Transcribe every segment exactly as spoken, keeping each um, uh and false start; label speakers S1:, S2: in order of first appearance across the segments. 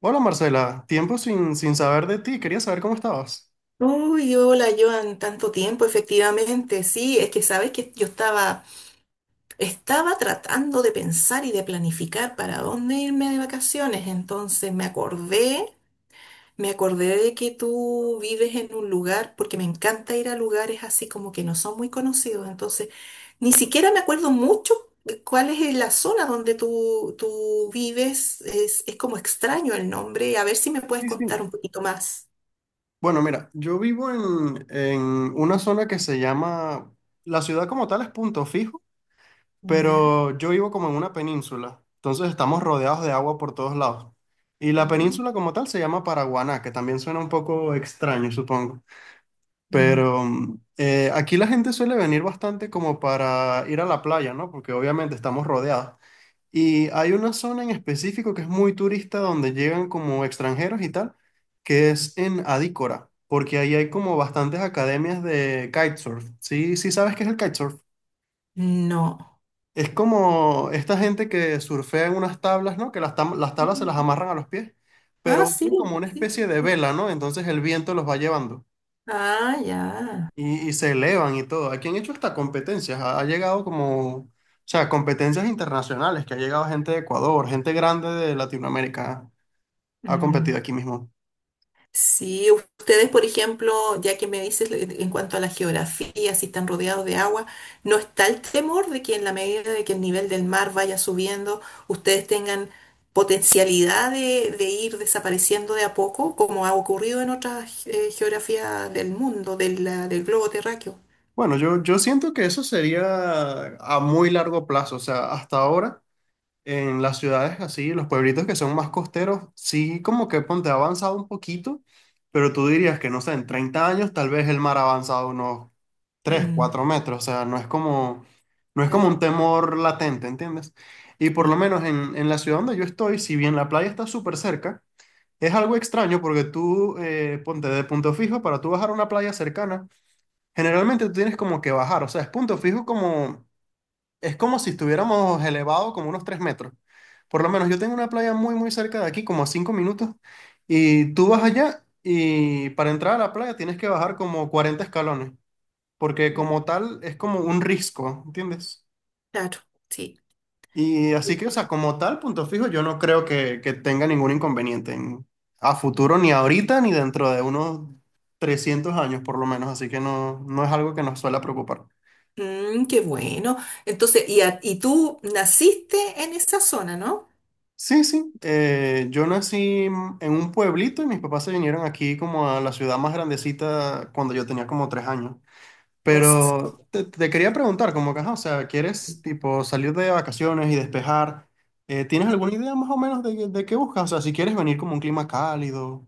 S1: Hola Marcela, tiempo sin, sin saber de ti, quería saber cómo estabas.
S2: Uy, hola Joan, tanto tiempo, efectivamente. Sí, es que sabes que yo estaba, estaba tratando de pensar y de planificar para dónde irme de vacaciones. Entonces me acordé, me acordé de que tú vives en un lugar, porque me encanta ir a lugares así como que no son muy conocidos. Entonces, ni siquiera me acuerdo mucho de cuál es la zona donde tú, tú vives. Es, es como extraño el nombre. A ver si me puedes
S1: Sí, sí.
S2: contar un poquito más.
S1: Bueno, mira, yo vivo en, en una zona que se llama, la ciudad como tal es Punto Fijo,
S2: Ya.
S1: pero yo vivo como en una península, entonces estamos rodeados de agua por todos lados. Y la
S2: Ah.
S1: península como tal se llama Paraguaná, que también suena un poco extraño, supongo.
S2: Mm.
S1: Pero mm, eh, aquí la gente suele venir bastante como para ir a la playa, ¿no? Porque obviamente estamos rodeados. Y hay una zona en específico que es muy turista donde llegan como extranjeros y tal, que es en Adícora, porque ahí hay como bastantes academias de kitesurf. Sí, sí sabes qué es el kitesurf.
S2: No.
S1: Es como esta gente que surfea en unas tablas, ¿no? Que las, tam- las tablas se las amarran a los pies,
S2: Ah,
S1: pero
S2: sí,
S1: usan como una
S2: sí,
S1: especie de
S2: sí.
S1: vela, ¿no? Entonces el viento los va llevando
S2: Ah, ya.
S1: y, y se elevan y todo. Aquí han hecho hasta competencias, ha ha llegado como... O sea, competencias internacionales, que ha llegado gente de Ecuador, gente grande de Latinoamérica. Ha
S2: Mm.
S1: competido aquí mismo.
S2: Sí, ustedes, por ejemplo, ya que me dices en en cuanto a la geografía, si están rodeados de agua, ¿no está el temor de que en la medida de que el nivel del mar vaya subiendo, ustedes tengan potencialidad de, de ir desapareciendo de a poco, como ha ocurrido en otras eh, geografías del mundo, de la- del globo terráqueo?
S1: Bueno, yo, yo siento que eso sería a muy largo plazo. O sea, hasta ahora en las ciudades así, los pueblitos que son más costeros, sí como que ponte ha avanzado un poquito, pero tú dirías que no sé, en treinta años tal vez el mar ha avanzado unos tres
S2: Mm,
S1: cuatro metros. O sea, no es como, no es como
S2: claro,
S1: un temor latente, ¿entiendes? Y por lo
S2: sí.
S1: menos en, en la ciudad donde yo estoy, si bien la playa está súper cerca, es algo extraño porque tú, eh, ponte de Punto Fijo, para tú bajar a una playa cercana, generalmente tú tienes como que bajar, o sea, es Punto Fijo como, es como si estuviéramos elevado como unos tres metros. Por lo menos yo tengo una playa muy, muy cerca de aquí, como a cinco minutos, y tú vas allá y para entrar a la playa tienes que bajar como cuarenta escalones, porque
S2: Mm,
S1: como tal es como un risco, ¿entiendes?
S2: claro, sí.
S1: Y así que, o sea, como tal, Punto Fijo, yo no creo que, que tenga ningún inconveniente en- a futuro, ni ahorita, ni dentro de unos trescientos años por lo menos, así que no, no es algo que nos suele preocupar.
S2: Mm, qué bueno. Entonces, y, a- y tú naciste en esa zona, ¿no?
S1: Sí, sí. eh, yo nací en en un pueblito y mis papás se vinieron aquí como a la ciudad más grandecita cuando yo tenía como tres años.
S2: O s- ok.
S1: Pero te, te quería preguntar, como que, ajá, o sea, ¿quieres tipo salir de vacaciones y despejar? Eh, ¿tienes
S2: Mm.
S1: alguna idea más o menos de, de qué buscas? O sea, si quieres venir como un clima cálido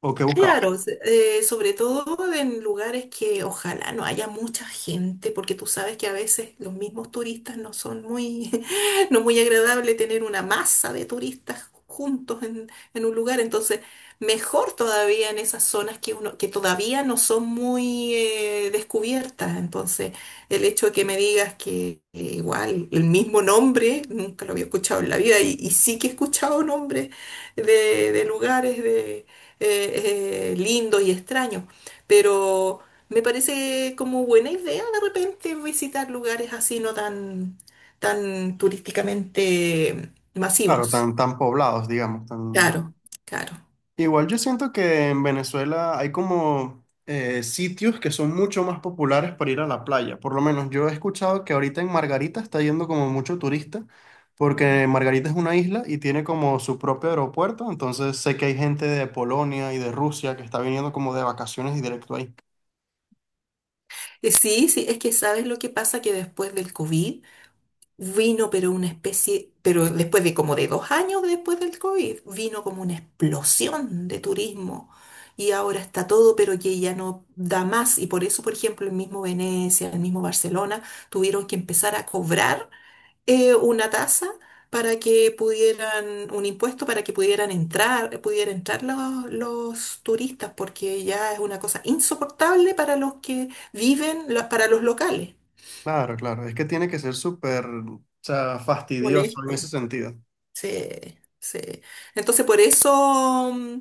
S1: o qué buscas.
S2: Claro, se- eh, sobre todo en lugares que ojalá no haya mucha gente, porque tú sabes que a veces los mismos turistas no son muy, no es muy agradable tener una masa de turistas juntos en, en un lugar, entonces mejor todavía en esas zonas que uno, que todavía no son muy eh, descubiertas, entonces el hecho de que me digas que eh, igual el mismo nombre, nunca lo había escuchado en la vida y, y sí que he escuchado nombres de, de lugares de eh, eh, lindos y extraños, pero me parece como buena idea de repente visitar lugares así no tan, tan turísticamente
S1: Claro,
S2: masivos.
S1: tan, tan poblados, digamos, tan...
S2: Claro, claro.
S1: Igual yo siento que en Venezuela hay como eh, sitios que son mucho más populares para ir a la playa. Por lo menos yo he escuchado que ahorita en Margarita está yendo como mucho turista, porque Margarita es una isla y tiene como su propio aeropuerto. Entonces sé que hay gente de Polonia y de Rusia que está viniendo como de vacaciones y directo ahí.
S2: Eh, Sí, sí, es que sabes lo que pasa que después del COVID vino, pero una especie, pero después de como de dos años después del COVID, vino como una explosión de turismo. Y ahora está todo, pero que ya no da más. Y por eso, por ejemplo, el mismo Venecia, el mismo Barcelona, tuvieron que empezar a cobrar eh, una tasa para que pudieran, un impuesto para que pudieran entrar, pudieran entrar los, los turistas, porque ya es una cosa insoportable para los que viven, la- para los locales.
S1: Claro, claro. Es que tiene que ser súper, o sea, fastidioso en ese
S2: Molesto.
S1: sentido.
S2: Sí, sí. Entonces, por eso mm,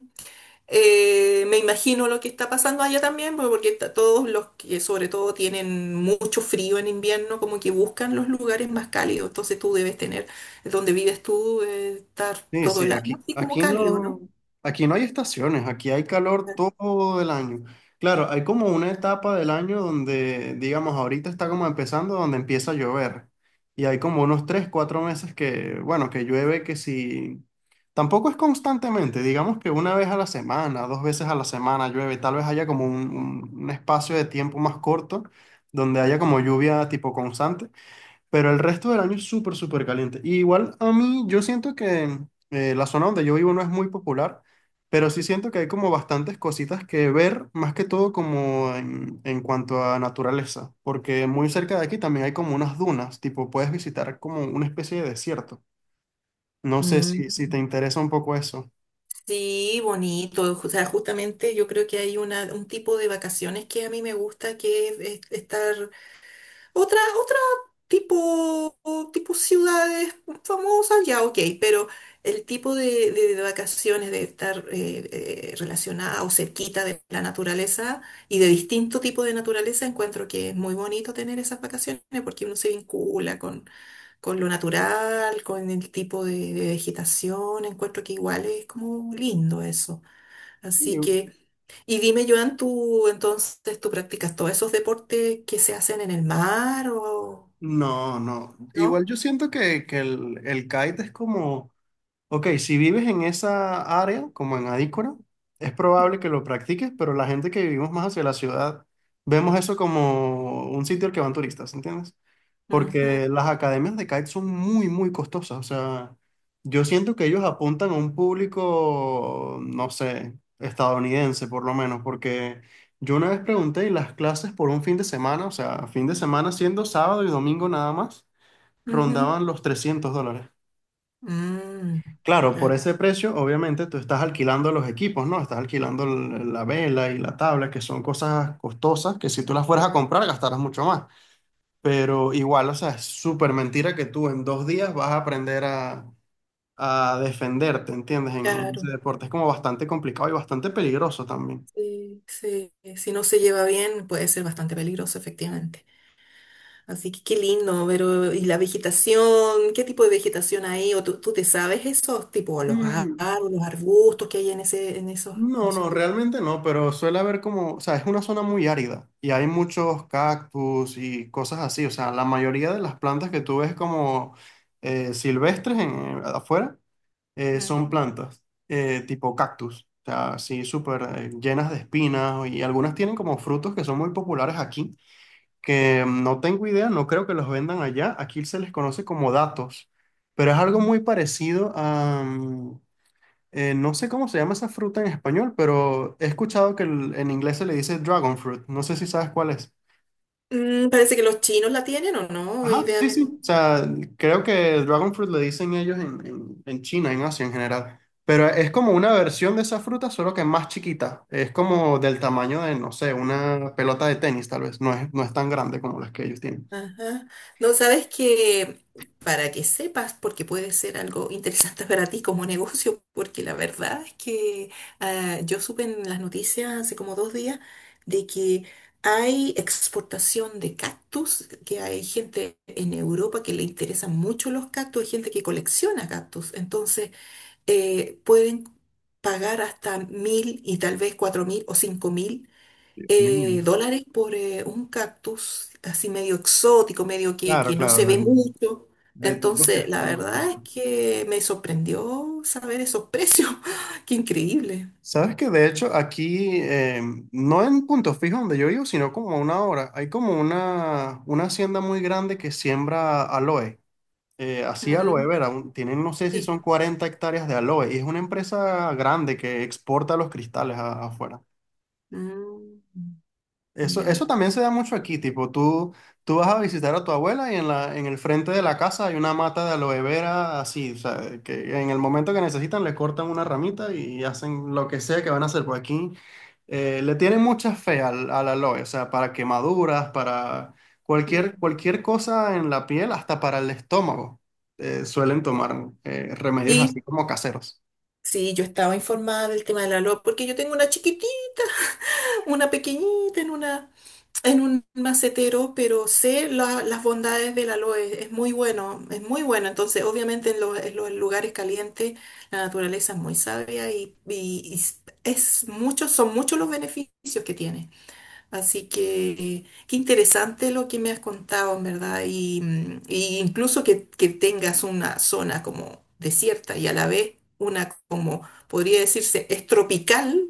S2: eh, me imagino lo que está pasando allá también, porque porque está- todos los que sobre todo tienen mucho frío en invierno, como que buscan los lugares más cálidos. Entonces tú debes tener, eh, donde vives tú, eh, estar
S1: Sí,
S2: todo
S1: sí,
S2: el año
S1: aquí,
S2: así como
S1: aquí
S2: cálido,
S1: no,
S2: ¿no?
S1: aquí no hay estaciones, aquí hay calor todo el año. Claro, hay como una etapa del año donde, digamos, ahorita está como empezando, donde empieza a llover. Y hay como unos tres, cuatro meses que, bueno, que llueve que si... Tampoco es constantemente, digamos que una vez a la semana, dos veces a la semana llueve, tal vez haya como un, un un espacio de tiempo más corto donde haya como lluvia tipo constante. Pero el resto del año es súper, súper caliente. Y igual a mí, yo siento que eh, la zona donde yo vivo no es muy popular, pero sí siento que hay como bastantes cositas que ver, más que todo como en, en cuanto a naturaleza, porque muy cerca de aquí también hay como unas dunas, tipo puedes visitar como una especie de desierto. No sé
S2: Mm,
S1: si, si te interesa un poco eso.
S2: sí, bonito. O sea, justamente yo creo que hay una, un tipo de vacaciones que a mí me gusta, que es es estar otra, otra tipo, tipo ciudades famosas, ya ok, pero el tipo de, de- de vacaciones, de estar eh, eh, relacionada o cerquita de la naturaleza y de distinto tipo de naturaleza, encuentro que es muy bonito tener esas vacaciones porque uno se vincula con, con lo natural, con el tipo de, de vegetación, encuentro que igual es como lindo eso. Así
S1: Y-
S2: que, y dime, Joan, tú entonces, ¿tú practicas todos esos deportes que se hacen en el mar o
S1: No, no.
S2: no?
S1: Igual yo siento que, que el, el kite es como... Ok, si vives en esa área, como en Adícora, es probable que lo practiques, pero la gente que vivimos más hacia la ciudad, vemos eso como un sitio al que van turistas, ¿entiendes?
S2: Ajá,
S1: Porque las academias de kite son muy, muy costosas. O sea, yo siento que ellos apuntan a un público, no sé, estadounidense por lo menos, porque yo una vez pregunté y las clases por un fin de semana, o sea, fin de semana siendo sábado y domingo nada más,
S2: ajá.
S1: rondaban los trescientos dólares.
S2: Mm,
S1: Claro, por
S2: claro,
S1: ese precio, obviamente, tú estás alquilando los equipos, ¿no? Estás alquilando l- la vela y la tabla, que son cosas costosas que si tú las fueras a comprar gastarás mucho más. Pero igual, o sea, es súper mentira que tú en dos días vas a aprender a, a defenderte, ¿entiendes? En, en ese
S2: claro.
S1: deporte es como bastante complicado y bastante peligroso también.
S2: Sí, sí. Si no se lleva bien, puede ser bastante peligroso, efectivamente. Así que qué lindo, pero ¿y la vegetación? ¿Qué tipo de vegetación hay? ¿O tú, tú te sabes esos tipo los árboles, los arbustos que hay en ese, en esos, en
S1: No,
S2: esos?
S1: no, realmente no, pero suele haber como, o sea, es una zona muy árida y hay muchos cactus y cosas así, o sea, la mayoría de las plantas que tú ves como eh, silvestres en, afuera eh, son
S2: Mm,
S1: plantas eh, tipo cactus, o sea, así súper eh, llenas de espinas y algunas tienen como frutos que son muy populares aquí, que mm, no tengo idea, no creo que los vendan allá, aquí se les conoce como datos, pero es algo
S2: mm.
S1: muy parecido a mm, eh, no sé cómo se llama esa fruta en español, pero he escuchado que el- en inglés se le dice dragon fruit. No sé si sabes cuál es.
S2: Mm, parece que los chinos la tienen, ¿o no?
S1: Ajá, sí, sí. O
S2: Idealmente.
S1: sea, creo que el dragon fruit le dicen ellos en, en- en China, en Asia en general. Pero es como una versión de esa fruta, solo que más chiquita. Es como del tamaño de, no sé, una pelota de tenis, tal vez. No es, no es tan grande como las que ellos tienen.
S2: Ajá. No, sabes que para que sepas, porque puede ser algo interesante para ti como negocio, porque la verdad es que ah, yo supe en las noticias hace como dos días de que hay exportación de cactus, que hay gente en Europa que le interesan mucho los cactus, hay gente que colecciona cactus, entonces eh, pueden pagar hasta mil y tal vez cuatro mil o cinco mil eh,
S1: Bien.
S2: dólares por eh, un cactus así medio exótico, medio que,
S1: Claro,
S2: que no
S1: claro.
S2: se ve mucho.
S1: De tipos que
S2: Entonces, la
S1: están. Sí,
S2: verdad
S1: sí.
S2: es que me sorprendió saber esos precios. ¡Qué increíble!
S1: Sabes que de hecho aquí, eh, no en Punto Fijo donde yo vivo, sino como a una hora, hay como una, una hacienda muy grande que siembra aloe, eh, así aloe
S2: Mm,
S1: vera, un- tienen no sé si
S2: sí.
S1: son cuarenta hectáreas de aloe y es una empresa grande que exporta los cristales a- afuera.
S2: Mm,
S1: Eso,
S2: ya.
S1: eso también se da mucho aquí, tipo, tú, tú vas a visitar a tu abuela y en la, en el frente de la casa hay una mata de aloe vera así, o sea, que en el momento que necesitan le cortan una ramita y hacen lo que sea que van a hacer. Por aquí eh, le tienen mucha fe al, al aloe, o sea, para quemaduras, para cualquier,
S2: Mm.
S1: cualquier cosa en la piel, hasta para el estómago, eh, suelen tomar eh, remedios así
S2: Y
S1: como caseros.
S2: sí, yo estaba informada del tema de la L O A porque yo tengo una chiquitita una pequeñita en una en un macetero, pero sé la- las bondades del aloe, es muy bueno, es muy bueno. Entonces, obviamente en los, en los lugares calientes la naturaleza es muy sabia y, y- y s- es muchos son muchos los beneficios que tiene. Así que qué interesante lo que me has contado, en verdad, y, mm, y incluso que, que tengas una zona como desierta y a la vez una como podría decirse es tropical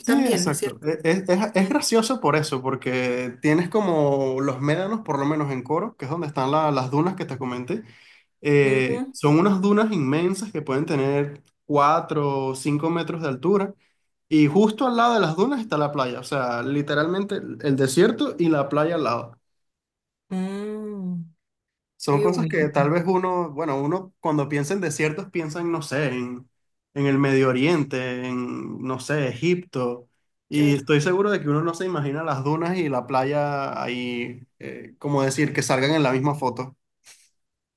S1: Sí,
S2: también, ¿no es
S1: exacto.
S2: cierto?
S1: E- Es, es- es gracioso por eso, porque tienes como los médanos, por lo menos en Coro, que es donde están la- las dunas que te comenté. Eh,
S2: Ujú.
S1: son unas dunas inmensas que pueden tener cuatro o cinco metros de altura. Y justo al lado de las dunas está la playa. O sea, literalmente el el desierto y la playa al lado.
S2: Mm,
S1: Son
S2: qué
S1: cosas que
S2: bueno.
S1: tal vez uno, bueno, uno cuando piensa en desiertos piensa en, no sé, en, en el Medio Oriente, en, no sé, Egipto. Y
S2: Claro.
S1: estoy seguro de que uno no se imagina las dunas y la playa ahí, eh, como decir, que salgan en la misma foto.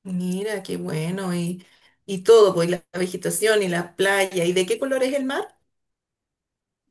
S2: Mira, qué bueno. Y, y todo, pues la vegetación y la playa. ¿Y de qué color es el mar?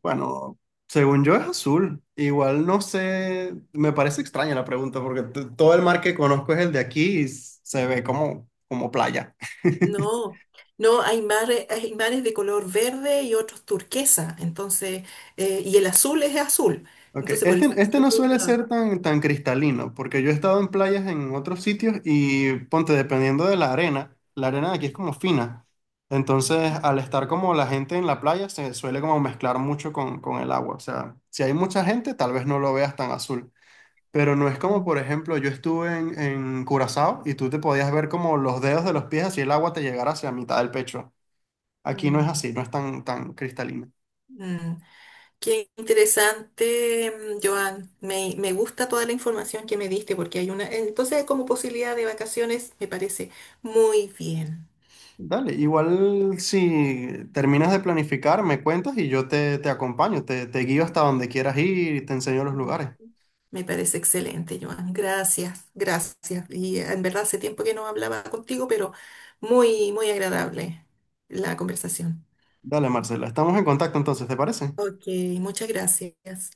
S1: Bueno, según yo es azul. Igual no sé, me parece extraña la pregunta porque t- todo el mar que conozco es el de aquí y s- se ve como, como playa.
S2: No, no, hay mares, hay mares de color verde y otros turquesa. Entonces, eh, y el azul es azul.
S1: Ok,
S2: Entonces, por
S1: este,
S2: eso
S1: este
S2: te
S1: no suele
S2: preguntaba.
S1: ser tan, tan cristalino, porque yo he estado en playas en otros sitios y ponte, dependiendo de la arena, la arena de aquí es como fina. Entonces,
S2: Mm,
S1: al estar como la gente en la playa, se suele como mezclar mucho con, con el agua. O sea, si hay mucha gente, tal vez no lo veas tan azul. Pero no es como, por
S2: mm,
S1: ejemplo, yo estuve en, en Curazao y tú te podías ver como los dedos de los pies así el agua te llegara hacia mitad del pecho. Aquí no es
S2: mm.
S1: así, no es tan, tan cristalino.
S2: Mm. Qué interesante, mm, Joan. Me, me gusta toda la información que me diste porque hay una... Entonces, como posibilidad de vacaciones, me parece muy bien.
S1: Dale, igual si terminas de planificar, me cuentas y yo te, te acompaño, te, te guío hasta donde quieras ir y te enseño los
S2: Ujú.
S1: lugares.
S2: Me parece excelente, Joan. Gracias, gracias. Y eh, en verdad hace tiempo que no hablaba contigo, pero muy, muy agradable la conversación.
S1: Dale, Marcela, estamos en contacto entonces, ¿te parece?
S2: Ok, muchas gracias.